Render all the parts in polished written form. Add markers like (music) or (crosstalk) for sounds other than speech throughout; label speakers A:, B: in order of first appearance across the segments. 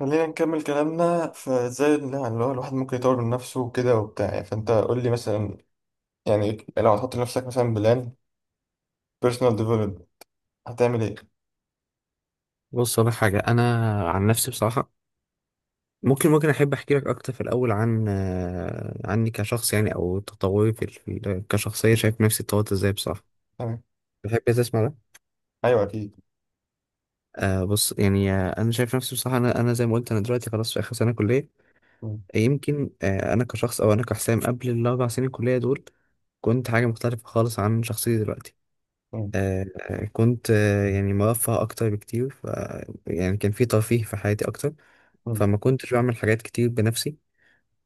A: خلينا نكمل كلامنا. فازاي اللي هو الواحد ممكن يطور من نفسه وكده وبتاع، يعني فانت قول لي مثلا، يعني لو هتحط لنفسك مثلا بلان بيرسونال ديفلوبمنت هتعمل ايه؟
B: بص، أقول لك حاجة. أنا عن نفسي بصراحة ممكن أحب أحكي لك أكتر في الأول عن عني كشخص، يعني أو تطوري في كشخصية، شايف نفسي اتطورت إزاي بصراحة.
A: تمام.
B: تحب تسمع ده؟
A: ايوه اكيد.
B: بص يعني، أنا شايف نفسي بصراحة. أنا زي ما قلت، أنا دلوقتي خلاص في آخر سنة كلية.
A: مم.
B: يمكن أنا كشخص، أو أنا كحسام قبل الأربع سنين كلية دول كنت حاجة مختلفة خالص عن شخصيتي دلوقتي.
A: مم.
B: آه كنت يعني مرفه أكتر بكتير. يعني كان في ترفيه في حياتي أكتر،
A: مم.
B: فما كنتش بعمل حاجات كتير بنفسي.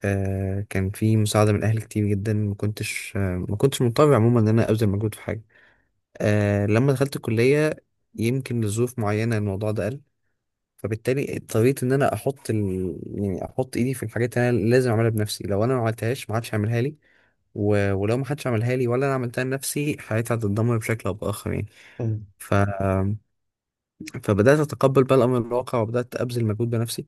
B: كان في مساعدة من أهلي كتير جدا، ما كنتش مضطر عموما إن أنا أبذل مجهود في حاجة. لما دخلت الكلية يمكن لظروف معينة الموضوع ده قل، فبالتالي اضطريت إن أنا يعني أحط إيدي في الحاجات اللي أنا لازم أعملها بنفسي. لو أنا ما عملتهاش ما حدش هيعملها لي، ولو ما حدش عملها لي ولا أنا عملتها لنفسي حياتي هتتدمر بشكل أو بآخر يعني.
A: مم.
B: ف... فبدأت أتقبل بقى الأمر الواقع وبدأت أبذل مجهود بنفسي.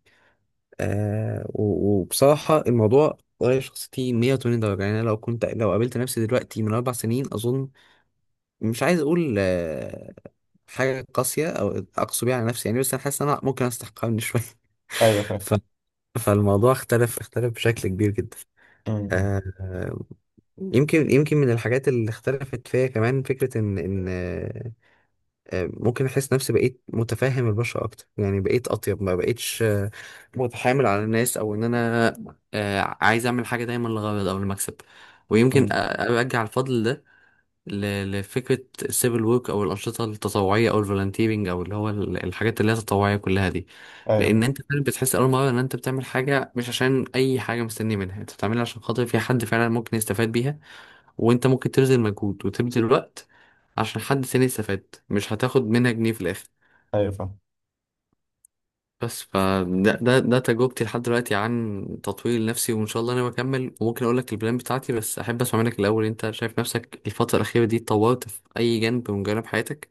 B: آه و- وبصراحة الموضوع غير شخصيتي 180 درجة. يعني أنا لو قابلت نفسي دلوقتي من أربع سنين أظن، مش عايز أقول حاجة قاسية أو أقسو بيها على نفسي يعني، بس أنا حاسس إن أنا ممكن أستحقها من شوية. (laughs)
A: ايوه فاهم.
B: ف... فالموضوع اختلف بشكل كبير جدا.
A: مم.
B: آه يمكن من الحاجات اللي اختلفت فيا كمان فكرة إن ممكن احس نفسي بقيت متفهم البشر اكتر، يعني بقيت اطيب، ما بقيتش متحامل على الناس، او ان انا عايز اعمل حاجه دايما للغرض او المكسب. ويمكن
A: مم.
B: ارجع الفضل ده ل- لفكره السيفل ورك، او الانشطه التطوعيه، او الفولنتيرنج، او اللي هو الحاجات اللي هي التطوعيه كلها دي،
A: ايوه
B: لان
A: فاهم.
B: انت فعلا بتحس اول مره ان انت بتعمل حاجه مش عشان اي حاجه مستني منها، انت بتعملها عشان خاطر في حد فعلا ممكن يستفاد بيها. وانت ممكن تبذل مجهود وتبذل وقت عشان حد تاني يستفاد، مش هتاخد منها جنيه في الاخر.
A: ايوه فاهم.
B: بس فده ده ده تجربتي لحد دلوقتي عن تطوير نفسي، وان شاء الله انا بكمل وممكن اقول لك البلان بتاعتي. بس احب اسمع منك الاول، انت شايف نفسك الفتره الاخيره دي اتطورت في اي جانب من جوانب حياتك؟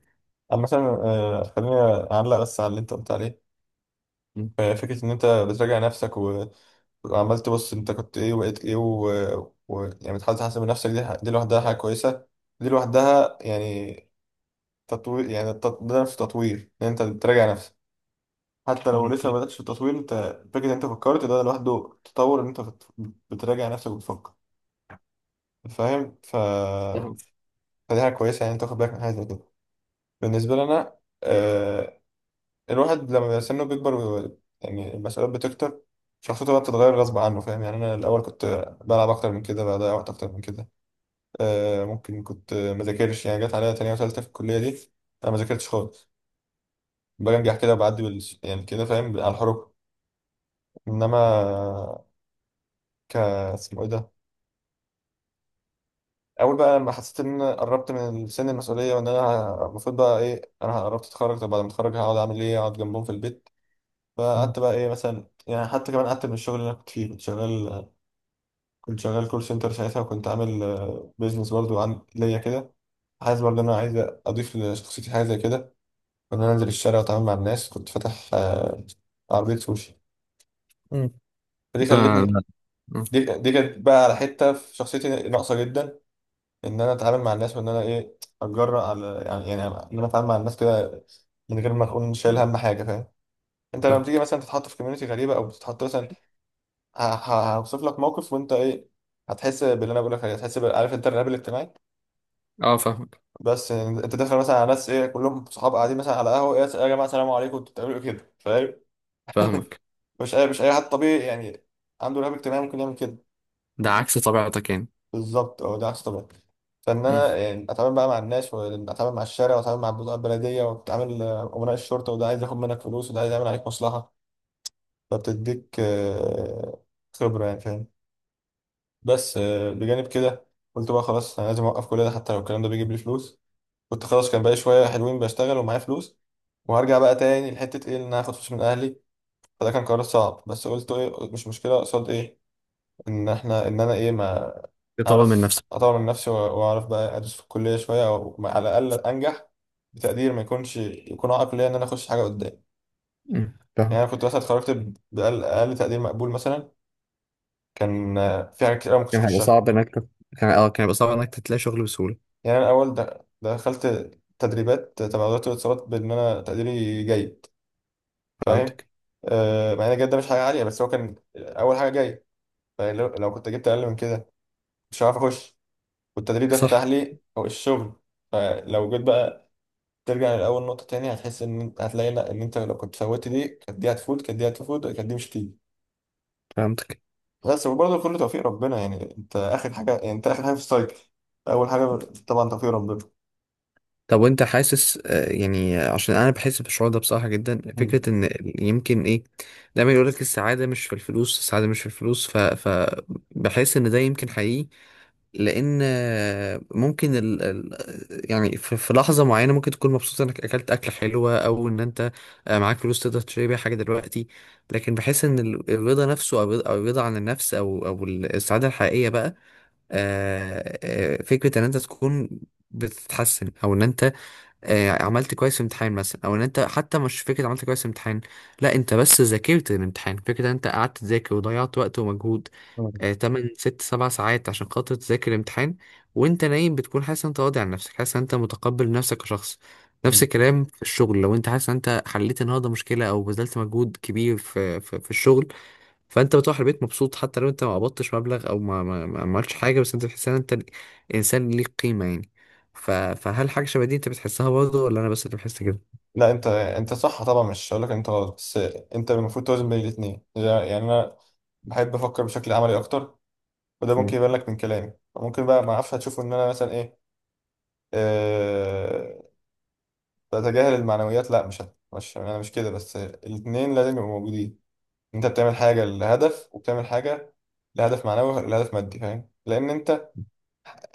A: اما مثلا، خليني اعلق بس على اللي انت قلت عليه.
B: مم.
A: فكرة إن أنت بتراجع نفسك وعمال تبص أنت كنت إيه وبقيت إيه يعني بتحاول تحسن من نفسك، دي لوحدها حاجة كويسة. دي لوحدها يعني تطوير، يعني ده نفسه تطوير ان انت بتراجع نفسك، حتى لو
B: اه،
A: لسه ما بداتش في التطوير. انت فكره ان انت فكرت ده لوحده تطور ان انت بتراجع نفسك وبتفكر، فاهم.
B: ده.
A: فدي حاجه كويسه، يعني انت تاخد بالك من حاجه زي كده. بالنسبه لي انا، آه... الواحد لما بيبقى سنه بيكبر يعني المسؤوليات بتكتر، شخصيته بقى بتتغير غصب عنه، فاهم يعني. انا الاول كنت بلعب اكتر من كده، بضيع وقت اكتر من كده. ممكن كنت ما ذاكرش، يعني جت عليا تانية وتالتة في الكليه دي انا ما ذاكرتش خالص، بنجح كده بعدي يعني كده، فاهم، على الحروف. انما ك اسمه ايه ده، اول بقى لما حسيت ان انا قربت من سن المسؤوليه، وان انا المفروض بقى ايه، انا قربت اتخرج. طب بعد ما اتخرج هقعد اعمل ايه، اقعد جنبهم في البيت؟
B: مم.
A: فقعدت بقى ايه مثلا، يعني حتى كمان قعدت من الشغل اللي انا كنت فيه. كنت شغال، كنت شغال كول سنتر ساعتها، وكنت عامل بيزنس برضه عن ليا كده. حاسس برضه ان انا عايز اضيف لشخصيتي حاجه زي كده، ان انا انزل الشارع واتعامل مع الناس. كنت فاتح عربيه سوشي.
B: مم.
A: فدي
B: ده
A: خلتني،
B: ده. مم.
A: دي كانت بقى على حته في شخصيتي ناقصه جدا، ان انا اتعامل مع الناس، وان انا ايه، اتجرأ على يعني ان انا اتعامل مع الناس كده من غير ما اكون شايل هم حاجه، فاهم. انت لما تيجي
B: فاهمك.
A: مثلا تتحط في كوميونتي غريبه، او تتحط مثلا، هوصف لك موقف وانت ايه، هتحس باللي انا بقول لك عليه. هتحس عارف انت الرهاب الاجتماعي؟
B: اه، فاهمك.
A: بس انت داخل مثلا على ناس ايه، كلهم صحاب قاعدين مثلا على قهوه، ايه يا جماعه السلام عليكم انتوا بتعملوا ايه كده، فاهم.
B: فاهمك.
A: مش اي حد طبيعي يعني عنده رهاب اجتماعي ممكن يعمل كده.
B: ده عكس طبيعتك يعني.
A: بالظبط، اه ده احسن طبعا. فان
B: مم.
A: انا يعني اتعامل بقى مع الناس، واتعامل مع الشارع، واتعامل مع البضاعه البلديه، واتعامل امناء الشرطه، وده عايز ياخد منك فلوس، وده عايز يعمل عليك مصلحه. فبتديك خبره يعني، فاهم. بس بجانب كده قلت بقى خلاص انا لازم اوقف كل ده، حتى لو الكلام ده بيجيب لي فلوس. كنت خلاص كان بقى شويه حلوين بشتغل ومعايا فلوس، وهرجع بقى تاني لحته ايه، ان انا هاخد فلوس من اهلي. فده كان قرار صعب، بس قلت ايه، مش مشكله قصاد ايه، ان احنا ان انا ايه، ما
B: تطور من
A: اعرف
B: نفسك.
A: اطور من نفسي، واعرف بقى ادرس في الكليه شويه، او على الاقل انجح بتقدير ما يكونش يكون عائق ليا ان انا اخش حاجه قدام.
B: مم.
A: يعني
B: فاهمك.
A: انا كنت مثلا اتخرجت ب- باقل أقل تقدير مقبول مثلا، كان في حاجات كتير أوي ما كنتش
B: كان هيبقى
A: اخشها.
B: صعب انك تت- كان هيبقى صعب انك تلاقي شغل بسهوله.
A: يعني انا الاول دخلت تدريبات تبع وزاره الاتصالات بان انا تقديري جيد، فاهم.
B: فهمتك.
A: مع ان الجيد ده مش حاجه عاليه، بس هو كان اول حاجه جاي. لو كنت جبت اقل من كده مش هعرف اخش، والتدريب ده
B: صح.
A: فتح لي أو الشغل. فلو جيت بقى ترجع لأول نقطة تاني هتحس إن أنت هتلاقي، لأ، إن أنت لو كنت فوتت دي كانت دي هتفوت، كانت دي هتفوت. كانت دي مش هتيجي.
B: فهمتك.
A: بس وبرضه كله توفيق ربنا، يعني أنت آخر حاجة، يعني أنت آخر حاجة في السايكل. أول حاجة طبعا توفيق ربنا.
B: طب وانت حاسس يعني، عشان انا بحس بالشعور ده بصراحه جدا،
A: مم.
B: فكره ان يمكن ايه دايما يقول لك السعاده مش في الفلوس، السعاده مش في الفلوس، ف بحس ان ده يمكن حقيقي. لان ممكن يعني في لحظه معينه ممكن تكون مبسوط انك اكلت اكله حلوه، او ان انت معاك فلوس تقدر تشتري بيها حاجه دلوقتي. لكن بحس ان ال- الرضا نفسه، او الرضا، أو الرضا عن النفس، او السعاده الحقيقيه بقى، آه، فكرة ان انت تكون بتتحسن، او ان انت عملت كويس في امتحان مثلا، او ان انت حتى مش فكرة عملت كويس في امتحان، لا، انت بس ذاكرت الامتحان، فكرة ان انت قعدت تذاكر وضيعت وقت ومجهود
A: مم.
B: 8 6 7 ساعات عشان خاطر تذاكر الامتحان، وانت نايم بتكون حاسس ان انت راضي عن نفسك، حاسس ان انت متقبل نفسك كشخص. نفس
A: مم.
B: الكلام في الشغل، لو انت حاسس ان انت حليت النهارده مشكله، او بذلت مجهود كبير في الشغل، فانت بتروح البيت مبسوط، حتى لو انت ما قبضتش مبلغ او ما عملتش حاجه، بس انت بتحس ان انت انسان ليك قيمه يعني. فهل حاجه شبه دي انت بتحسها برضه، ولا انا بس اللي بحس كده؟
A: لا أنت، أنت صح طبعا، مش هقول لك أنت غلط، بس أنت المفروض توازن بين الاتنين. يعني أنا بحب أفكر بشكل عملي أكتر، وده ممكن
B: مم.
A: يبان لك من كلامي، ممكن بقى ما أعرفش هتشوفه إن أنا مثلا إيه، أه... بتجاهل المعنويات. لا، مش أنا مش كده، بس الاتنين لازم يبقوا موجودين. انت بتعمل حاجه لهدف، وبتعمل حاجه لهدف معنوي، لهدف مادي، فاهم، لان انت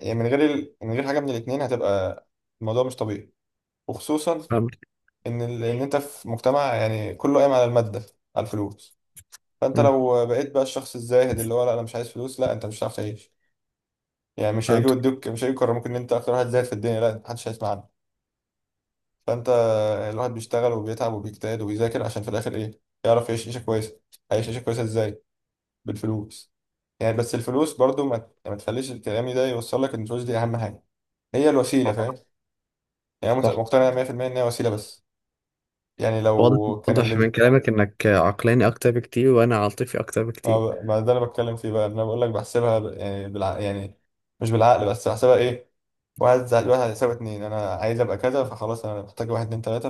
A: يعني من غير من غير حاجه من الاثنين هتبقى الموضوع مش طبيعي. وخصوصا
B: فهمت.
A: ان ان انت في مجتمع يعني كله قايم على الماده، على الفلوس. فانت
B: مم.
A: لو بقيت بقى الشخص الزاهد اللي هو لا انا مش عايز فلوس، لا انت مش هتعرف تعيش. يعني مش هيجي
B: فهمتك.
A: يدوك، مش هيجي يكرموك ان انت اكتر واحد زاهد في الدنيا، لا، محدش هيسمع عنك. فانت الواحد بيشتغل وبيتعب وبيجتهد وبيذاكر عشان في الاخر ايه، يعرف يعيش عيشه كويسه. هيعيش عيشه كويسه ازاي؟ بالفلوس. يعني بس الفلوس برضو ما تخليش الكلام ده يوصل لك ان الفلوس دي اهم حاجه، هي الوسيله، فاهم. يعني أنا
B: صح.
A: مقتنع 100% ان هي وسيله بس. يعني
B: واضح،
A: لو كان اللي
B: واضح من كلامك انك عقلاني اكتر بكتير وانا عاطفي اكتر بكتير.
A: ما, ما ده انا بتكلم فيه بقى، إن انا بقول لك بحسبها يعني يعني مش بالعقل بس، بحسبها ايه، واحد زائد واحد هيساوي اتنين. انا عايز ابقى كذا، فخلاص انا محتاج واحد اتنين تلاته،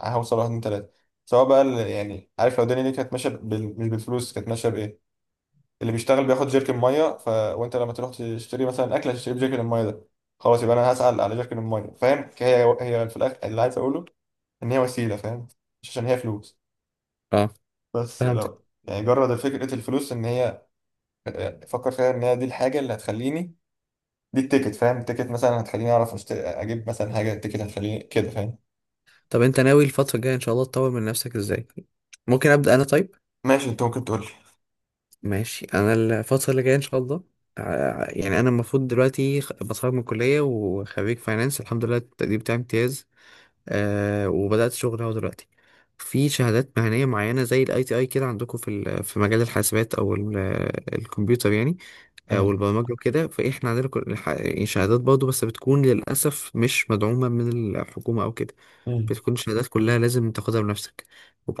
A: فهوصل واحد اتنين تلاته. سواء بقى يعني عارف، لو الدنيا دي كانت ماشيه مش بالفلوس، كانت ماشيه اللي بيشتغل بياخد جيركن ميه، وانت لما تروح تشتري مثلا اكل هتشتري بجيركن الميه ده. خلاص يبقى انا هسأل على جيركن الميه، فاهم، هي هي في الاخر اللي عايز اقوله ان هي وسيله، فاهم، مش عشان هي فلوس.
B: اه،
A: بس
B: فهمتك.
A: لو يعني جرد فكره الفلوس، ان هي، فكر فيها ان هي دي الحاجه اللي هتخليني، دي التيكت، فاهم، التيكت مثلا هتخليني اعرف اجيب مثلا حاجه، التيكت هتخليني كده، فاهم.
B: طب انت ناوي الفترة الجاية ان شاء الله تطور من نفسك ازاي؟ ممكن ابدأ انا طيب؟
A: ماشي انت ممكن تقول لي.
B: ماشي. انا الفترة اللي جاية ان شاء الله، يعني انا المفروض دلوقتي بتخرج من الكلية، وخريج فاينانس الحمد لله، التقدير بتاعي امتياز. وبدأت شغل اهو دلوقتي. في شهادات مهنية معينة زي الاي تي اي كده عندكم في في مجال الحاسبات او الكمبيوتر يعني، او
A: امم.
B: البرمجة وكده. فاحنا عندنا يعني شهادات برضه، بس بتكون للأسف مش مدعومة من الحكومة او كده.
A: امم.
B: بتكون الشهادات كلها لازم تاخدها بنفسك،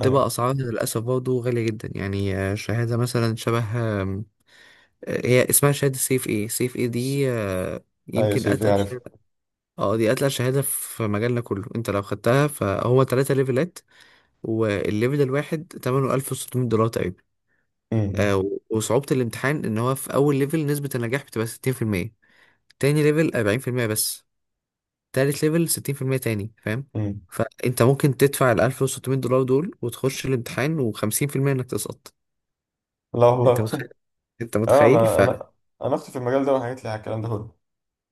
A: ايوه.
B: أسعارها للأسف برضه غالية جدا يعني. شهادة مثلا شبه آم، آه، هي اسمها شهادة سيف ايه. سيف ايه
A: س-
B: دي
A: ايوه
B: يمكن
A: سيف
B: أتقل.
A: يعرف.
B: اه، دي اتقل شهادة في مجالنا كله. انت لو خدتها فهو تلاتة ليفلات، والليفل الواحد تمنه 1600 دولار تقريبا.
A: امم.
B: آه و- وصعوبة الامتحان ان هو في اول ليفل نسبة النجاح بتبقى 60%، تاني ليفل 40% بس، تالت ليفل 60% تاني، فاهم؟
A: امم.
B: فانت ممكن تدفع 1600 دولار دول وتخش الامتحان، وخمسين في المية انك تسقط.
A: لا
B: انت
A: والله
B: متخيل؟
A: (laughs)
B: انت
A: اه
B: متخيل؟
A: انا انا، انا اختي في المجال ده وحكيت لي على الكلام ده كله.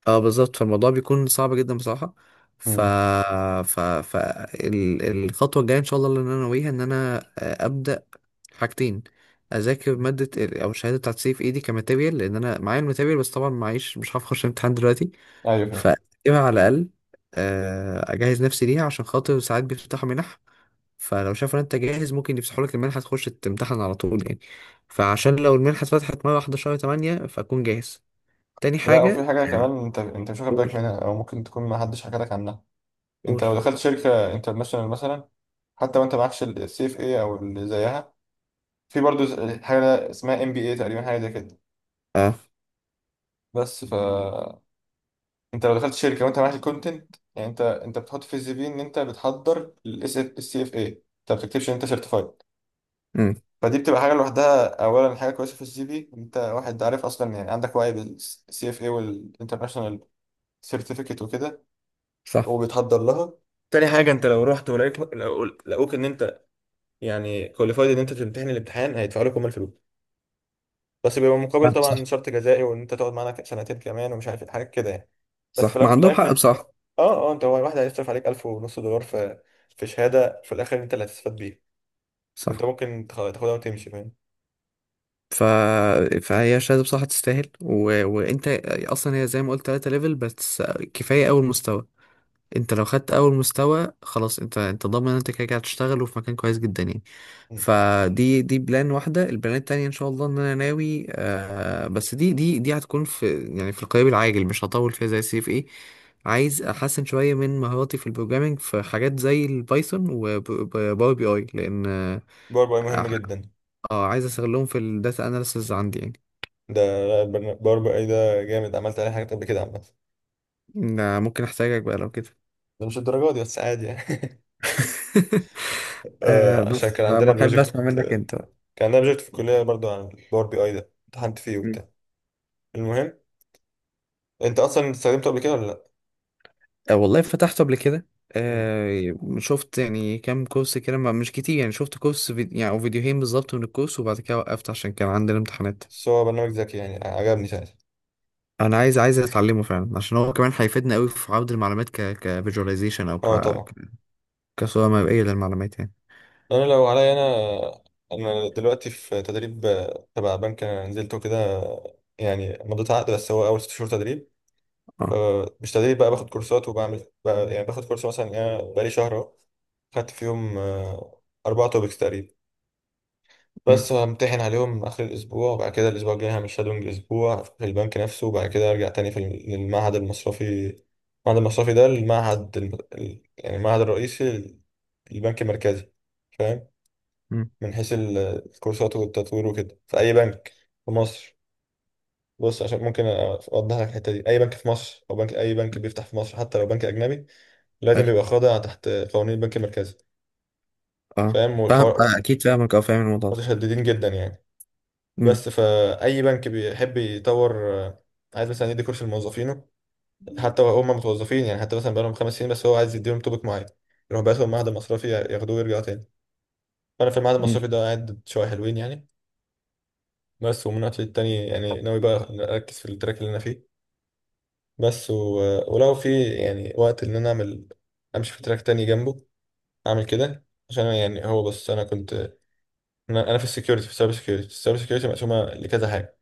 B: اه بالظبط، فالموضوع بيكون صعب جدا بصراحة. ف
A: امم.
B: ف ف الخطوة الجاية ان شاء الله اللي انا ناويها ان انا ابدأ حاجتين. اذاكر مادة ال- او الشهادة بتاعت سي في ايدي كماتيريال، لان انا معايا الماتيريال، بس طبعا معيش مش هعرف اخش الامتحان دلوقتي،
A: ايوه فاهم.
B: فاكتبها على الاقل. اجهز نفسي ليها عشان خاطر ساعات بيفتحوا منح، فلو شافوا ان انت جاهز ممكن يفتحوا لك المنحة تخش تمتحن على طول يعني. فعشان لو المنحة اتفتحت مرة واحدة شهر 8 فاكون جاهز. تاني
A: لا وفي
B: حاجة،
A: حاجه
B: آه،
A: كمان انت، مش واخد بالك
B: قول.
A: منها، او ممكن تكون ما حدش حكى لك عنها. انت
B: قول.
A: لو دخلت شركه انترناشونال مثلا، حتى وانت معكش السي اف اي او اللي زيها، في برضو حاجه اسمها ام بي اي تقريبا، حاجه زي كده.
B: اه.
A: بس ف انت لو دخلت شركه وانت معاك الكونتنت، يعني انت بتحط في السي في ان انت بتحضر السي اف اي، انت ما بتكتبش ان انت سيرتيفايد.
B: امم.
A: فدي بتبقى حاجه لوحدها. اولا حاجه كويسه في السي في، انت واحد عارف اصلا يعني، عندك وعي بالسي اف اي والانترناشونال سيرتيفيكت وكده،
B: صح.
A: وبيتحضر لها. تاني حاجة، انت لو رحت ولقيت لقوك ان انت يعني كواليفايد ان انت تمتحن الامتحان، هيدفعوا لك هم الفلوس، بس بيبقى مقابل
B: فاهم. صح،
A: طبعا شرط جزائي، وان انت تقعد معانا سنتين كمان، ومش عارف إيه، حاجات كده يعني. بس في
B: صح ما
A: الاول وفي
B: عندهم
A: الاخر،
B: حق بصراحة.
A: اه اه، انت هو واحد هيصرف عليك 1000 ونص دولار في في شهادة، في الاخر انت اللي هتستفاد بيها، وانت
B: صح.
A: ممكن تاخدها وتمشي، فاهم.
B: ف... فهي شهادة بصراحة تستاهل. و... وانت اصلا هي زي ما قلت 3 ليفل بس، كفاية اول مستوى. انت لو خدت اول مستوى خلاص، انت ضامن ان انت كده كده هتشتغل وفي مكان كويس جدا يعني.
A: مم.
B: فدي بلان واحده. البلان التانيه ان شاء الله ان انا ناوي بس، دي هتكون في يعني في القريب العاجل، مش هطول فيها زي سي اف ايه. عايز احسن شويه من مهاراتي في البروجرامينج، في حاجات زي البايثون وباور بي اي، لان
A: باور بي اي مهم
B: اه،
A: جدا.
B: اه، عايز استغلهم في الداتا اناليسز عندي يعني.
A: ده باور بي اي ده جامد، عملت عليه حاجات قبل كده عامة.
B: ده ممكن احتاجك بقى لو كده.
A: ده مش الدرجات دي بس، عادي يعني (laughs)
B: (laughs)
A: عشان
B: بس
A: كان عندنا
B: فما بحب
A: بروجكت،
B: اسمع منك انت.
A: كان عندنا بروجكت في الكلية برضو عن الباور بي اي ده، امتحنت فيه وبتاع. المهم، انت اصلا استخدمته قبل كده ولا لا؟
B: والله فتحته قبل كده.
A: مم.
B: شفت يعني كام كورس كده، مش كتير يعني، شفت كورس فيديو يعني او فيديوهين بالظبط من الكورس وبعد كده وقفت عشان كان عندنا امتحانات.
A: بس هو برنامج ذكي يعني، عجبني ساعتها.
B: انا عايز اتعلمه فعلا عشان هو كمان هيفيدنا قوي في عرض المعلومات، كفيجواليزيشن او
A: اه طبعا.
B: كصورة مرئية للمعلومات يعني.
A: انا لو عليا انا، انا دلوقتي في تدريب تبع بنك، انا نزلته كده، يعني مضيت عقد، بس هو اول 6 شهور تدريب.
B: اه.
A: مش تدريب بقى، باخد كورسات وبعمل بقى، يعني باخد كورس مثلا، انا بقالي شهر اهو، خدت فيهم 4 توبكس تقريبا،
B: امم.
A: بس همتحن عليهم آخر الأسبوع، وبعد كده الأسبوع الجاي هعمل شادونج أسبوع في البنك نفسه، وبعد كده أرجع تاني في للمعهد المصرفي. المعهد المصرفي ده المعهد يعني المعهد الرئيسي للبنك المركزي، فاهم،
B: امم.
A: من حيث الكورسات والتطوير وكده، في أي بنك في مصر. بص عشان ممكن أوضح لك الحتة دي، أي بنك في مصر، أو بنك، أي بنك بيفتح في مصر حتى لو بنك أجنبي،
B: حلو.
A: لازم يبقى خاضع تحت قوانين البنك المركزي،
B: اه،
A: فاهم،
B: فاهم.
A: والحوار
B: اكيد فاهمك، او فاهم الموضوع ده.
A: متشددين جدا يعني.
B: امم.
A: بس فأي بنك بيحب يطور، آه، عايز مثلا يدي كورس لموظفينه، حتى لو هم متوظفين يعني، حتى مثلا بقالهم 5 سنين، بس هو عايز يديهم توبيك معين، يروح بعتهم معهد مصرفي ياخدوه ويرجعوا تاني. فأنا في المعهد
B: امم.
A: المصرفي ده قاعد شوية حلوين يعني. بس ومن وقت للتاني يعني ناوي بقى أركز في التراك اللي أنا فيه بس، ولو في يعني وقت إن أنا أعمل، أمشي في تراك تاني جنبه، أعمل كده عشان يعني. هو بس أنا كنت، أنا، أنا في السكيورتي في السايبر سكيورتي. السايبر سكيورتي مقسومة لكذا حاجة،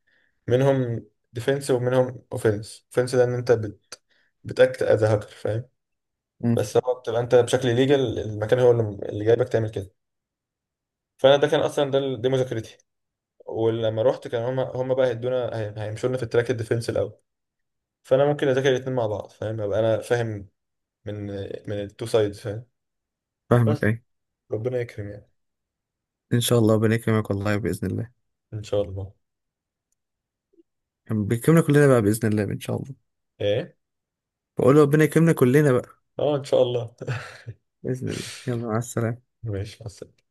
A: منهم ديفنس ومنهم اوفنس. اوفنس ده ان انت بتاكت از هاكر، فاهم،
B: امم.
A: بس هو بتبقى انت بشكل ليجل، المكان هو اللي جايبك تعمل كده. فانا ده كان اصلا، دي مذاكرتي. ولما رحت كان هما بقى هيدونا، هيمشوا لنا في التراك الديفنس الاول، فانا ممكن اذاكر الاثنين مع بعض، فاهم، ابقى انا فاهم من، من التو سايدز، فاهم.
B: فاهمك.
A: بس
B: اي،
A: ربنا يكرم يعني.
B: ان شاء الله. ربنا يكرمك والله باذن الله،
A: ان شاء الله.
B: يعني بيكرمنا كلنا بقى باذن الله ان شاء الله.
A: ايه؟
B: بقول ربنا يكرمنا كلنا بقى
A: اه ان شاء الله (laughs)
B: باذن الله. يلا، مع السلامة.
A: ماشي مع السلامة.